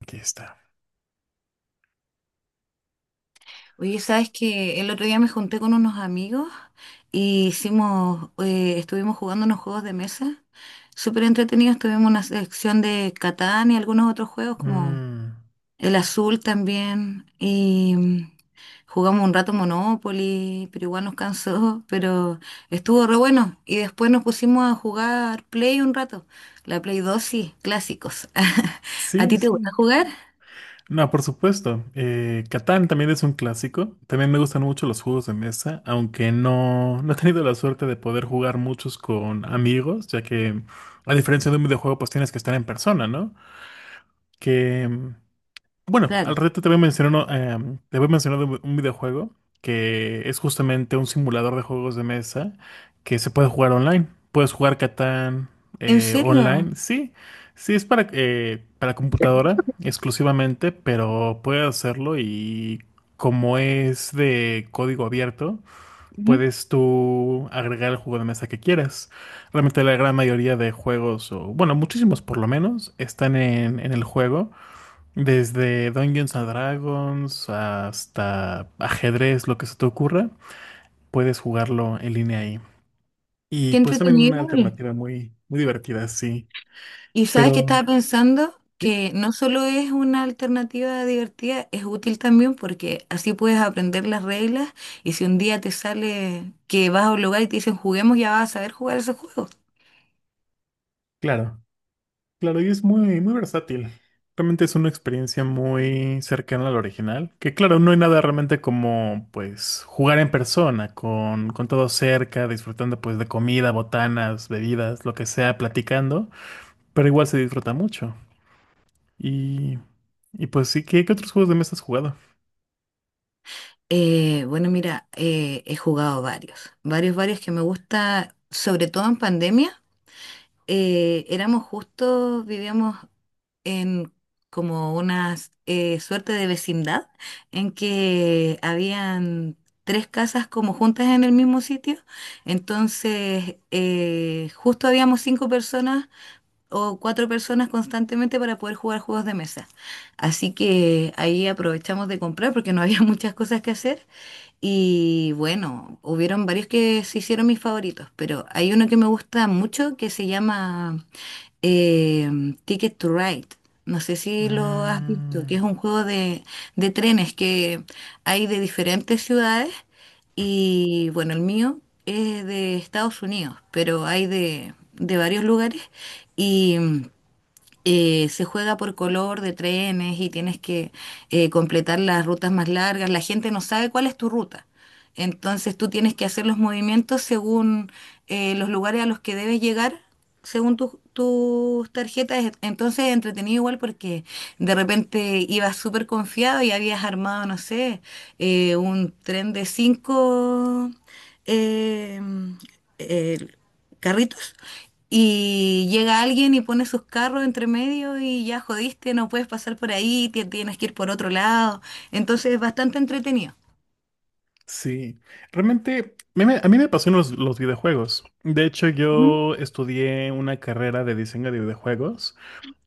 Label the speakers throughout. Speaker 1: Aquí está.
Speaker 2: Oye, sabes que el otro día me junté con unos amigos y estuvimos jugando unos juegos de mesa súper entretenidos. Tuvimos una sección de Catán y algunos otros juegos como
Speaker 1: Mm,
Speaker 2: el Azul también. Jugamos un rato Monopoly, pero igual nos cansó, pero estuvo re bueno. Y después nos pusimos a jugar Play un rato. La Play 2 sí, clásicos. ¿A
Speaker 1: sí,
Speaker 2: ti te gusta
Speaker 1: sí.
Speaker 2: jugar?
Speaker 1: No, por supuesto. Catán también es un clásico. También me gustan mucho los juegos de mesa, aunque no, no he tenido la suerte de poder jugar muchos con amigos, ya que a diferencia de un videojuego, pues tienes que estar en persona, ¿no? Que mm, Bueno,
Speaker 2: Claro.
Speaker 1: al rato te voy a mencionar, uno, te voy a mencionar de un videojuego que es justamente un simulador de juegos de mesa que se puede jugar online. Puedes jugar Catán
Speaker 2: ¿En serio?
Speaker 1: online. Sí, sí es para computadora exclusivamente, pero puedes hacerlo y como es de código abierto,
Speaker 2: Ujú.
Speaker 1: puedes tú agregar el juego de mesa que quieras. Realmente la gran mayoría de juegos, o bueno, muchísimos por lo menos, están en el juego. Desde Dungeons and Dragons hasta ajedrez, lo que se te ocurra, puedes jugarlo en línea ahí.
Speaker 2: Qué
Speaker 1: Y pues también una
Speaker 2: entretenido.
Speaker 1: alternativa muy, muy divertida, sí.
Speaker 2: Y sabes que
Speaker 1: Pero
Speaker 2: estaba pensando
Speaker 1: sí,
Speaker 2: que no solo es una alternativa divertida, es útil también porque así puedes aprender las reglas, y si un día te sale que vas a un lugar y te dicen juguemos, ya vas a saber jugar ese juego.
Speaker 1: claro, claro, y es muy, muy versátil. Realmente es una experiencia muy cercana al original, que claro, no hay nada realmente como pues jugar en persona, con todo cerca, disfrutando pues de comida, botanas, bebidas, lo que sea, platicando, pero igual se disfruta mucho. Y, y pues sí, ¿qué otros juegos de mesa has jugado?
Speaker 2: Bueno, mira, he jugado varios, varios, varios que me gusta, sobre todo en pandemia. Eh, éramos justos, vivíamos en como una suerte de vecindad en que habían tres casas como juntas en el mismo sitio. Entonces, justo habíamos cinco personas o cuatro personas constantemente para poder jugar juegos de mesa. Así que ahí aprovechamos de comprar porque no había muchas cosas que hacer. Y bueno, hubieron varios que se hicieron mis favoritos, pero hay uno que me gusta mucho que se llama eh, Ticket to Ride. No sé si lo has visto, que
Speaker 1: Mm,
Speaker 2: es un juego de, trenes que hay de diferentes ciudades, y bueno, el mío es de Estados Unidos, pero hay de varios lugares, y se juega por color de trenes, y tienes que completar las rutas más largas. La gente no sabe cuál es tu ruta. Entonces tú tienes que hacer los movimientos según los lugares a los que debes llegar según tus tarjetas. Entonces, entretenido igual porque de repente ibas súper confiado y habías armado, no sé, un tren de cinco eh, eh, carritos, y llega alguien y pone sus carros entre medio y ya jodiste, no puedes pasar por ahí, tienes que ir por otro lado. Entonces es bastante entretenido.
Speaker 1: sí, realmente a mí me pasó los videojuegos. De hecho,
Speaker 2: Ujú.
Speaker 1: yo estudié una carrera de diseño de videojuegos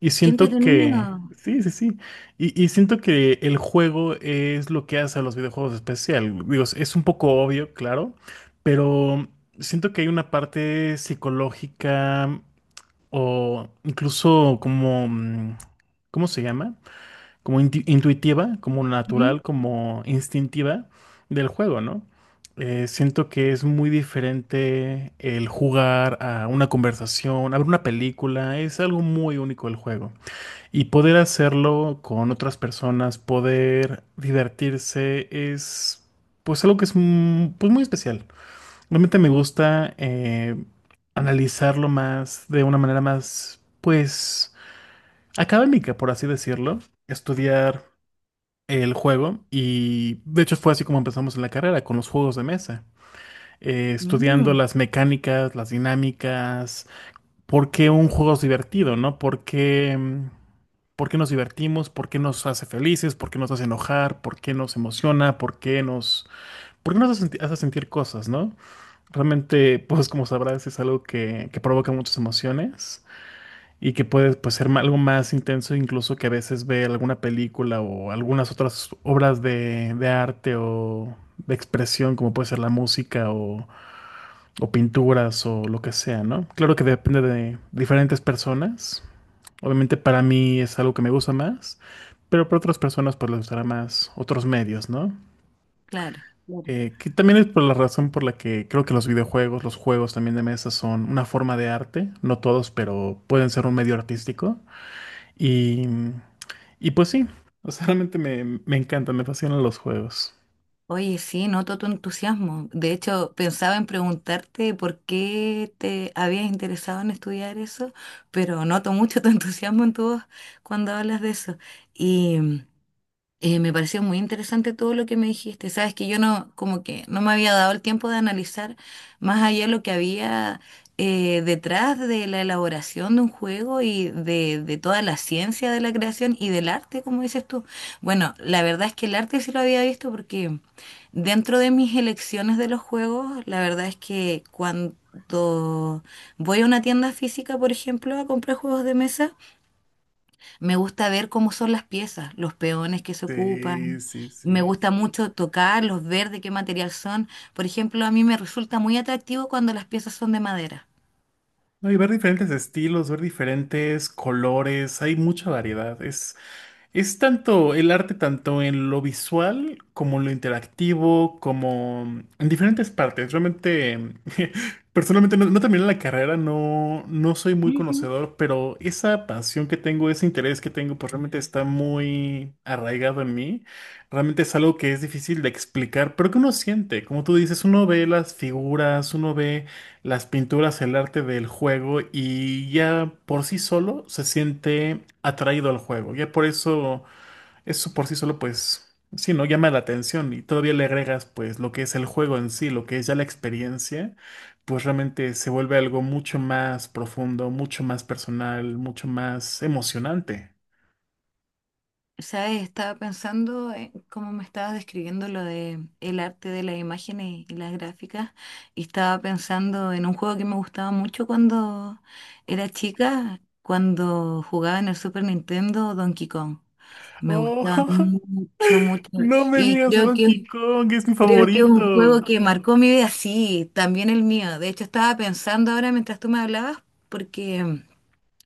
Speaker 1: y
Speaker 2: Qué
Speaker 1: siento que,
Speaker 2: entretenido.
Speaker 1: sí, sí, sí, y siento que el juego es lo que hace a los videojuegos especial. Digo, es un poco obvio, claro, pero siento que hay una parte psicológica o incluso como, ¿cómo se llama? Como intuitiva, como
Speaker 2: Ujú.
Speaker 1: natural, como instintiva del juego, ¿no? Siento que es muy diferente el jugar a una conversación, a ver una película, es algo muy único el juego. Y poder hacerlo con otras personas, poder divertirse, es pues algo que es pues, muy especial. Realmente me gusta analizarlo más de una manera más, pues, académica, por así decirlo. Estudiar el juego y de hecho fue así como empezamos en la carrera con los juegos de mesa, estudiando
Speaker 2: Mm,
Speaker 1: las mecánicas, las dinámicas, por qué un juego es divertido, ¿no? ¿Por qué nos divertimos? ¿Por qué nos hace felices? ¿Por qué nos hace enojar? ¿Por qué nos emociona? ¿Por qué nos hace sentir cosas, ¿no? Realmente, pues como sabrás, es algo que provoca muchas emociones y que puede pues, ser algo más intenso, incluso que a veces ve alguna película o algunas otras obras de arte o de expresión, como puede ser la música o pinturas o lo que sea, ¿no? Claro que depende de diferentes personas. Obviamente para mí es algo que me gusta más, pero para otras personas pues les gustará más otros medios, ¿no?
Speaker 2: claro.
Speaker 1: Que también es por la razón por la que creo que los videojuegos, los juegos también de mesa son una forma de arte, no todos, pero pueden ser un medio artístico. Y, y pues sí, o sea, realmente me encantan, me fascinan los juegos.
Speaker 2: Oye, sí, noto tu entusiasmo. De hecho, pensaba en preguntarte por qué te habías interesado en estudiar eso, pero noto mucho tu entusiasmo en tu voz cuando hablas de eso. Me pareció muy interesante todo lo que me dijiste. Sabes que yo no, como que no me había dado el tiempo de analizar más allá lo que había detrás de la elaboración de un juego y de toda la ciencia de la creación y del arte, como dices tú. Bueno, la verdad es que el arte sí lo había visto porque dentro de mis elecciones de los juegos, la verdad es que cuando voy a una tienda física, por ejemplo, a comprar juegos de mesa, me gusta ver cómo son las piezas, los peones que se
Speaker 1: Sí,
Speaker 2: ocupan.
Speaker 1: sí,
Speaker 2: Me
Speaker 1: sí.
Speaker 2: gusta mucho tocarlos, ver de qué material son. Por ejemplo, a mí me resulta muy atractivo cuando las piezas son de madera.
Speaker 1: No, y ver diferentes estilos, ver diferentes colores, hay mucha variedad. es, tanto el arte, tanto en lo visual como en lo interactivo, como en diferentes partes. Realmente, personalmente no, no terminé la carrera, no, no soy muy
Speaker 2: Ujú.
Speaker 1: conocedor, pero esa pasión que tengo, ese interés que tengo, pues realmente está muy arraigado en mí. Realmente es algo que es difícil de explicar, pero que uno siente. Como tú dices, uno ve las figuras, uno ve las pinturas, el arte del juego y ya por sí solo se siente atraído al juego. Ya por eso, eso por sí solo pues, sí, ¿no? Llama la atención y todavía le agregas pues lo que es el juego en sí, lo que es ya la experiencia, pues realmente se vuelve algo mucho más profundo, mucho más personal, mucho más emocionante.
Speaker 2: ¿Sabes? Estaba pensando en cómo me estabas describiendo lo de el arte de las imágenes y las gráficas, y estaba pensando en un juego que me gustaba mucho cuando era chica, cuando jugaba en el Super Nintendo Donkey Kong. Me gustaba
Speaker 1: Oh,
Speaker 2: mucho, mucho.
Speaker 1: no me
Speaker 2: Y
Speaker 1: digas de
Speaker 2: creo que es
Speaker 1: Donkey Kong, es mi
Speaker 2: Creo que es un juego
Speaker 1: favorito.
Speaker 2: que marcó mi vida, sí, también el mío. De hecho, estaba pensando ahora mientras tú me hablabas, porque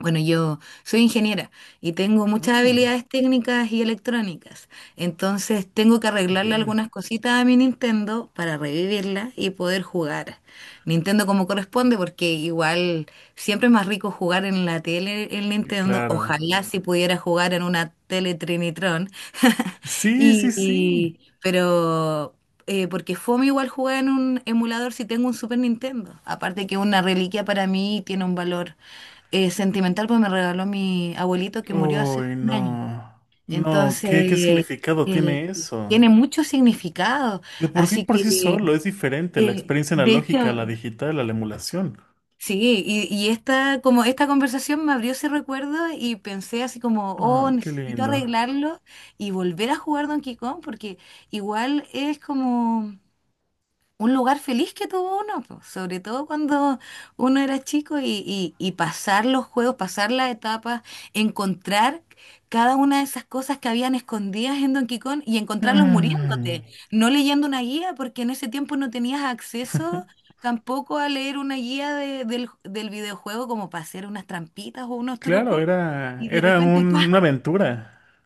Speaker 2: bueno, yo soy ingeniera y tengo muchas
Speaker 1: Oh,
Speaker 2: habilidades técnicas y electrónicas, entonces tengo que arreglarle
Speaker 1: increíble.
Speaker 2: algunas cositas a mi Nintendo para revivirla y poder jugar Nintendo como corresponde, porque igual siempre es más rico jugar en la tele en Nintendo,
Speaker 1: Claro.
Speaker 2: ojalá si pudiera jugar en una tele Trinitron,
Speaker 1: Sí, sí,
Speaker 2: y,
Speaker 1: sí.
Speaker 2: pero... porque fome igual jugar en un emulador si tengo un Super Nintendo. Aparte que una reliquia para mí tiene un valor sentimental, pues me regaló mi abuelito que murió hace
Speaker 1: Uy,
Speaker 2: un año.
Speaker 1: no. No, ¿qué
Speaker 2: Entonces,
Speaker 1: significado
Speaker 2: eh,
Speaker 1: tiene eso?
Speaker 2: tiene mucho significado.
Speaker 1: De
Speaker 2: Así
Speaker 1: por sí
Speaker 2: que,
Speaker 1: solo, es diferente la experiencia
Speaker 2: de hecho,
Speaker 1: analógica a la digital, a la emulación.
Speaker 2: sí, y esta, como esta conversación me abrió ese recuerdo y pensé así como, oh,
Speaker 1: Ah, qué
Speaker 2: necesito
Speaker 1: lindo.
Speaker 2: arreglarlo y volver a jugar Donkey Kong, porque igual es como un lugar feliz que tuvo uno, po, sobre todo cuando uno era chico y, y pasar los juegos, pasar las etapas, encontrar cada una de esas cosas que habían escondidas en Donkey Kong y encontrarlos
Speaker 1: Mm.
Speaker 2: muriéndote, no leyendo una guía, porque en ese tiempo no tenías acceso tampoco a leer una guía del, del videojuego como para hacer unas trampitas o unos
Speaker 1: Claro,
Speaker 2: trucos.
Speaker 1: era,
Speaker 2: Y de
Speaker 1: era
Speaker 2: repente, ¡pa!
Speaker 1: una aventura.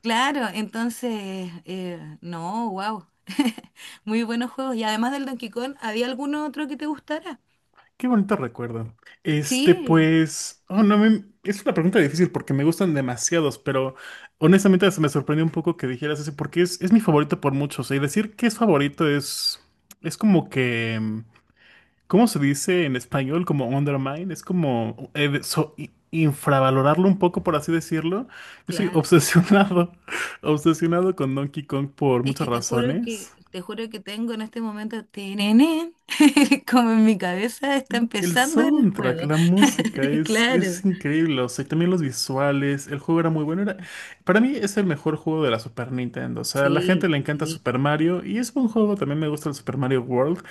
Speaker 2: Claro, entonces, no, wow. Muy buenos juegos. Y además del Donkey Kong, ¿había algún otro que te gustara?
Speaker 1: Qué bonito recuerdo. Este,
Speaker 2: Sí,
Speaker 1: pues, oh, no, es una pregunta difícil porque me gustan demasiados, pero honestamente se me sorprendió un poco que dijeras eso porque es mi favorito por muchos. Y decir que es favorito es como que... ¿Cómo se dice en español como undermine? Es como infravalorarlo un poco, por así decirlo. Yo soy
Speaker 2: claro.
Speaker 1: obsesionado, obsesionado con Donkey Kong por
Speaker 2: Es
Speaker 1: muchas
Speaker 2: que te juro que,
Speaker 1: razones.
Speaker 2: te juro que tengo en este momento, como en mi cabeza está
Speaker 1: Y el
Speaker 2: empezando el
Speaker 1: soundtrack,
Speaker 2: juego.
Speaker 1: la música es
Speaker 2: Claro.
Speaker 1: increíble, o sea, y también los visuales, el juego era muy bueno. Para mí es el mejor juego de la Super Nintendo, o sea, a la gente
Speaker 2: Sí,
Speaker 1: le encanta
Speaker 2: sí.
Speaker 1: Super Mario y es buen juego, también me gusta el Super Mario World,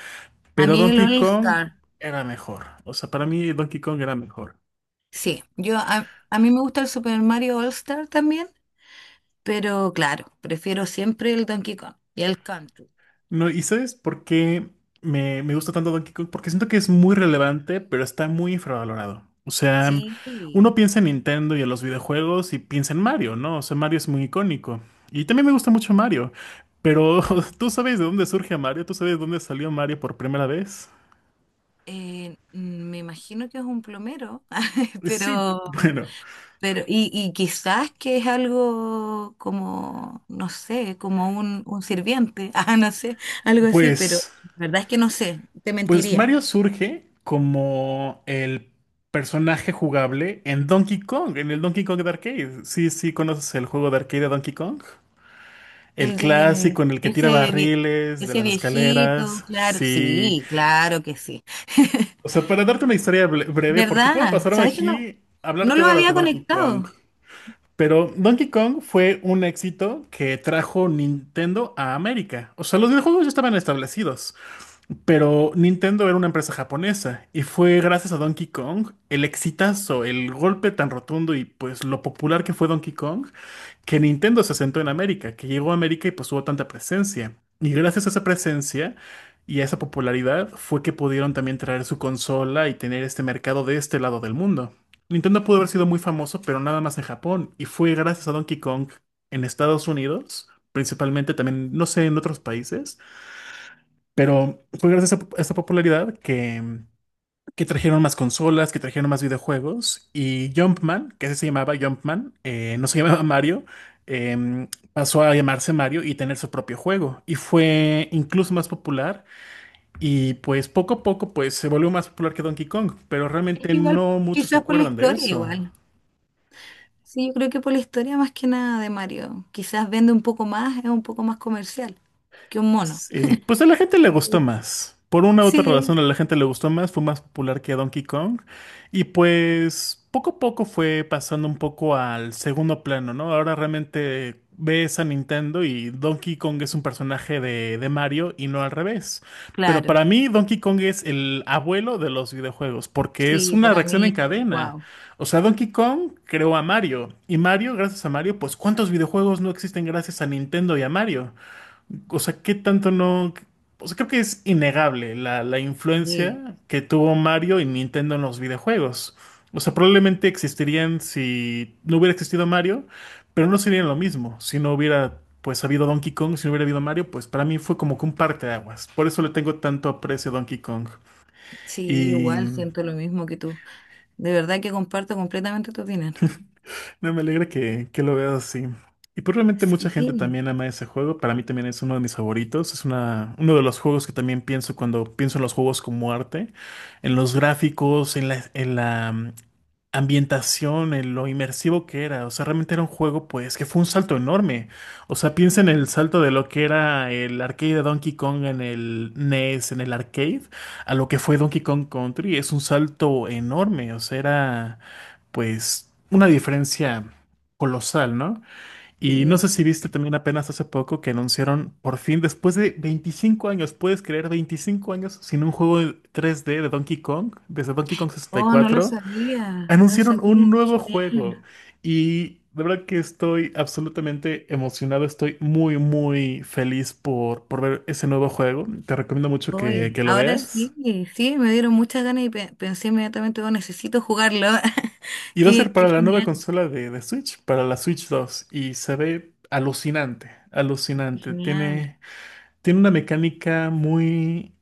Speaker 2: A
Speaker 1: pero
Speaker 2: mí el All
Speaker 1: Donkey Kong
Speaker 2: Star.
Speaker 1: era mejor, o sea, para mí Donkey Kong era mejor.
Speaker 2: Sí, yo a mí me gusta el Super Mario All Star también, pero claro, prefiero siempre el Donkey Kong y el Country.
Speaker 1: No, ¿y sabes por qué me gusta tanto Donkey Kong? Porque siento que es muy relevante, pero está muy infravalorado. O sea,
Speaker 2: Sí.
Speaker 1: uno piensa en Nintendo y en los videojuegos y piensa en Mario, ¿no? O sea, Mario es muy icónico. Y también me gusta mucho Mario. Pero ¿tú sabes de dónde surge Mario? ¿Tú sabes de dónde salió Mario por primera vez?
Speaker 2: Me imagino que es un plomero,
Speaker 1: Sí,
Speaker 2: pero,
Speaker 1: bueno,
Speaker 2: pero y quizás que es algo como, no sé, como un, sirviente, ah, no sé, algo así, pero
Speaker 1: pues,
Speaker 2: la verdad es que no sé, te
Speaker 1: pues
Speaker 2: mentiría.
Speaker 1: Mario surge como el personaje jugable en Donkey Kong, en el Donkey Kong de arcade. Sí, sí, ¿conoces el juego de arcade de Donkey Kong? El
Speaker 2: El de
Speaker 1: clásico en el que tira
Speaker 2: ese, vie-
Speaker 1: barriles de
Speaker 2: ese
Speaker 1: las
Speaker 2: viejito,
Speaker 1: escaleras.
Speaker 2: claro,
Speaker 1: Sí.
Speaker 2: sí, claro que sí.
Speaker 1: O sea, para darte una historia breve, porque puedo
Speaker 2: ¿Verdad?
Speaker 1: pasarme
Speaker 2: ¿Sabes que no,
Speaker 1: aquí a
Speaker 2: no
Speaker 1: hablarte
Speaker 2: lo
Speaker 1: horas de
Speaker 2: había
Speaker 1: Donkey Kong.
Speaker 2: conectado?
Speaker 1: Pero Donkey Kong fue un éxito que trajo Nintendo a América. O sea, los videojuegos ya estaban establecidos, pero Nintendo era una empresa japonesa y fue gracias a Donkey Kong el exitazo, el golpe tan rotundo y pues lo popular que fue Donkey Kong que Nintendo se asentó en América, que llegó a América y pues tuvo tanta presencia. Y gracias a esa presencia y a esa popularidad fue que pudieron también traer su consola y tener este mercado de este lado del mundo. Nintendo pudo haber sido muy famoso, pero nada más en Japón, y fue gracias a Donkey Kong en Estados Unidos, principalmente también, no sé, en otros países, pero fue gracias a esa popularidad que trajeron más consolas, que trajeron más videojuegos y Jumpman, que ese se llamaba Jumpman, no se llamaba Mario, pasó a llamarse Mario y tener su propio juego y fue incluso más popular y pues poco a poco pues se volvió más popular que Donkey Kong, pero
Speaker 2: Es
Speaker 1: realmente
Speaker 2: que igual,
Speaker 1: no muchos se
Speaker 2: quizás por la
Speaker 1: acuerdan de
Speaker 2: historia
Speaker 1: eso.
Speaker 2: igual. Sí, yo creo que por la historia más que nada de Mario. Quizás vende un poco más, es un poco más comercial que un mono.
Speaker 1: Sí, pues a la gente le gustó más. Por una u otra
Speaker 2: Sí,
Speaker 1: razón a la gente le gustó más, fue más popular que Donkey Kong. Y pues poco a poco fue pasando un poco al segundo plano, ¿no? Ahora realmente ves a Nintendo y Donkey Kong es un personaje de Mario y no al revés. Pero
Speaker 2: claro.
Speaker 1: para mí Donkey Kong es el abuelo de los videojuegos, porque es
Speaker 2: Sí,
Speaker 1: una
Speaker 2: para
Speaker 1: reacción en
Speaker 2: mí,
Speaker 1: cadena.
Speaker 2: wow.
Speaker 1: O sea, Donkey Kong creó a Mario y Mario, gracias a Mario, pues ¿cuántos videojuegos no existen gracias a Nintendo y a Mario? O sea, qué tanto no. O sea, creo que es innegable la
Speaker 2: Sí,
Speaker 1: influencia que tuvo Mario y Nintendo en los videojuegos. O sea, probablemente existirían si no hubiera existido Mario, pero no serían lo mismo. Si no hubiera, pues, habido Donkey Kong, si no hubiera habido Mario, pues para mí fue como que un parteaguas. Por eso le tengo tanto aprecio a Donkey Kong.
Speaker 2: sí, yo
Speaker 1: Y.
Speaker 2: igual siento lo mismo que tú. De verdad que comparto completamente tu opinión.
Speaker 1: No, me alegra que lo veas así. Y probablemente mucha gente
Speaker 2: Sí,
Speaker 1: también ama ese juego. Para mí también es uno de mis favoritos. Es uno de los juegos que también pienso cuando pienso en los juegos como arte, en los gráficos, en la ambientación, en lo inmersivo que era. O sea, realmente era un juego pues que fue un salto enorme. O sea, piensa en el salto de lo que era el arcade de Donkey Kong en el NES, en el arcade, a lo que fue Donkey Kong Country. Es un salto enorme. O sea, era pues una diferencia colosal, ¿no? Y no
Speaker 2: sí.
Speaker 1: sé si viste también apenas hace poco que anunciaron por fin, después de 25 años, ¿puedes creer 25 años sin un juego de 3D de Donkey Kong? Desde Donkey Kong
Speaker 2: Oh, no lo
Speaker 1: 64,
Speaker 2: sabía, no lo
Speaker 1: anunciaron
Speaker 2: sabía.
Speaker 1: un
Speaker 2: Qué
Speaker 1: nuevo juego
Speaker 2: genial.
Speaker 1: y de verdad que estoy absolutamente emocionado, estoy muy, muy feliz por ver ese nuevo juego. Te recomiendo mucho que,
Speaker 2: Hoy,
Speaker 1: que lo
Speaker 2: ahora
Speaker 1: veas.
Speaker 2: sí, sí, me dieron muchas ganas y pensé inmediatamente, oh, necesito jugarlo.
Speaker 1: Y va a ser
Speaker 2: Qué,
Speaker 1: para
Speaker 2: qué
Speaker 1: la nueva
Speaker 2: genial,
Speaker 1: consola de Switch, para la Switch 2. Y se ve alucinante,
Speaker 2: qué
Speaker 1: alucinante.
Speaker 2: genial.
Speaker 1: Tiene una mecánica muy...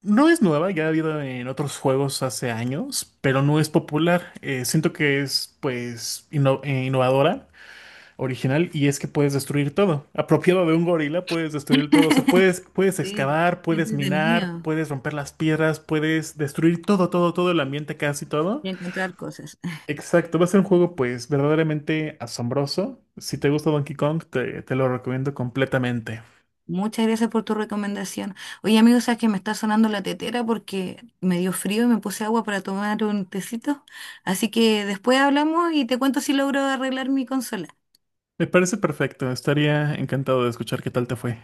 Speaker 1: No es nueva, ya ha habido en otros juegos hace años, pero no es popular. Siento que es, pues, innovadora, original, y es que puedes destruir todo. Apropiado de un gorila, puedes destruir todo. O sea, puedes
Speaker 2: Sí,
Speaker 1: excavar,
Speaker 2: qué
Speaker 1: puedes minar,
Speaker 2: entretenido.
Speaker 1: puedes romper las piedras, puedes destruir todo, todo, todo el ambiente, casi todo.
Speaker 2: Y encontrar cosas.
Speaker 1: Exacto, va a ser un juego pues verdaderamente asombroso. Si te gusta Donkey Kong, te lo recomiendo completamente.
Speaker 2: Muchas gracias por tu recomendación. Oye, amigo, sabes que me está sonando la tetera porque me dio frío y me puse agua para tomar un tecito. Así que después hablamos y te cuento si logro arreglar mi consola.
Speaker 1: Me parece perfecto, estaría encantado de escuchar qué tal te fue.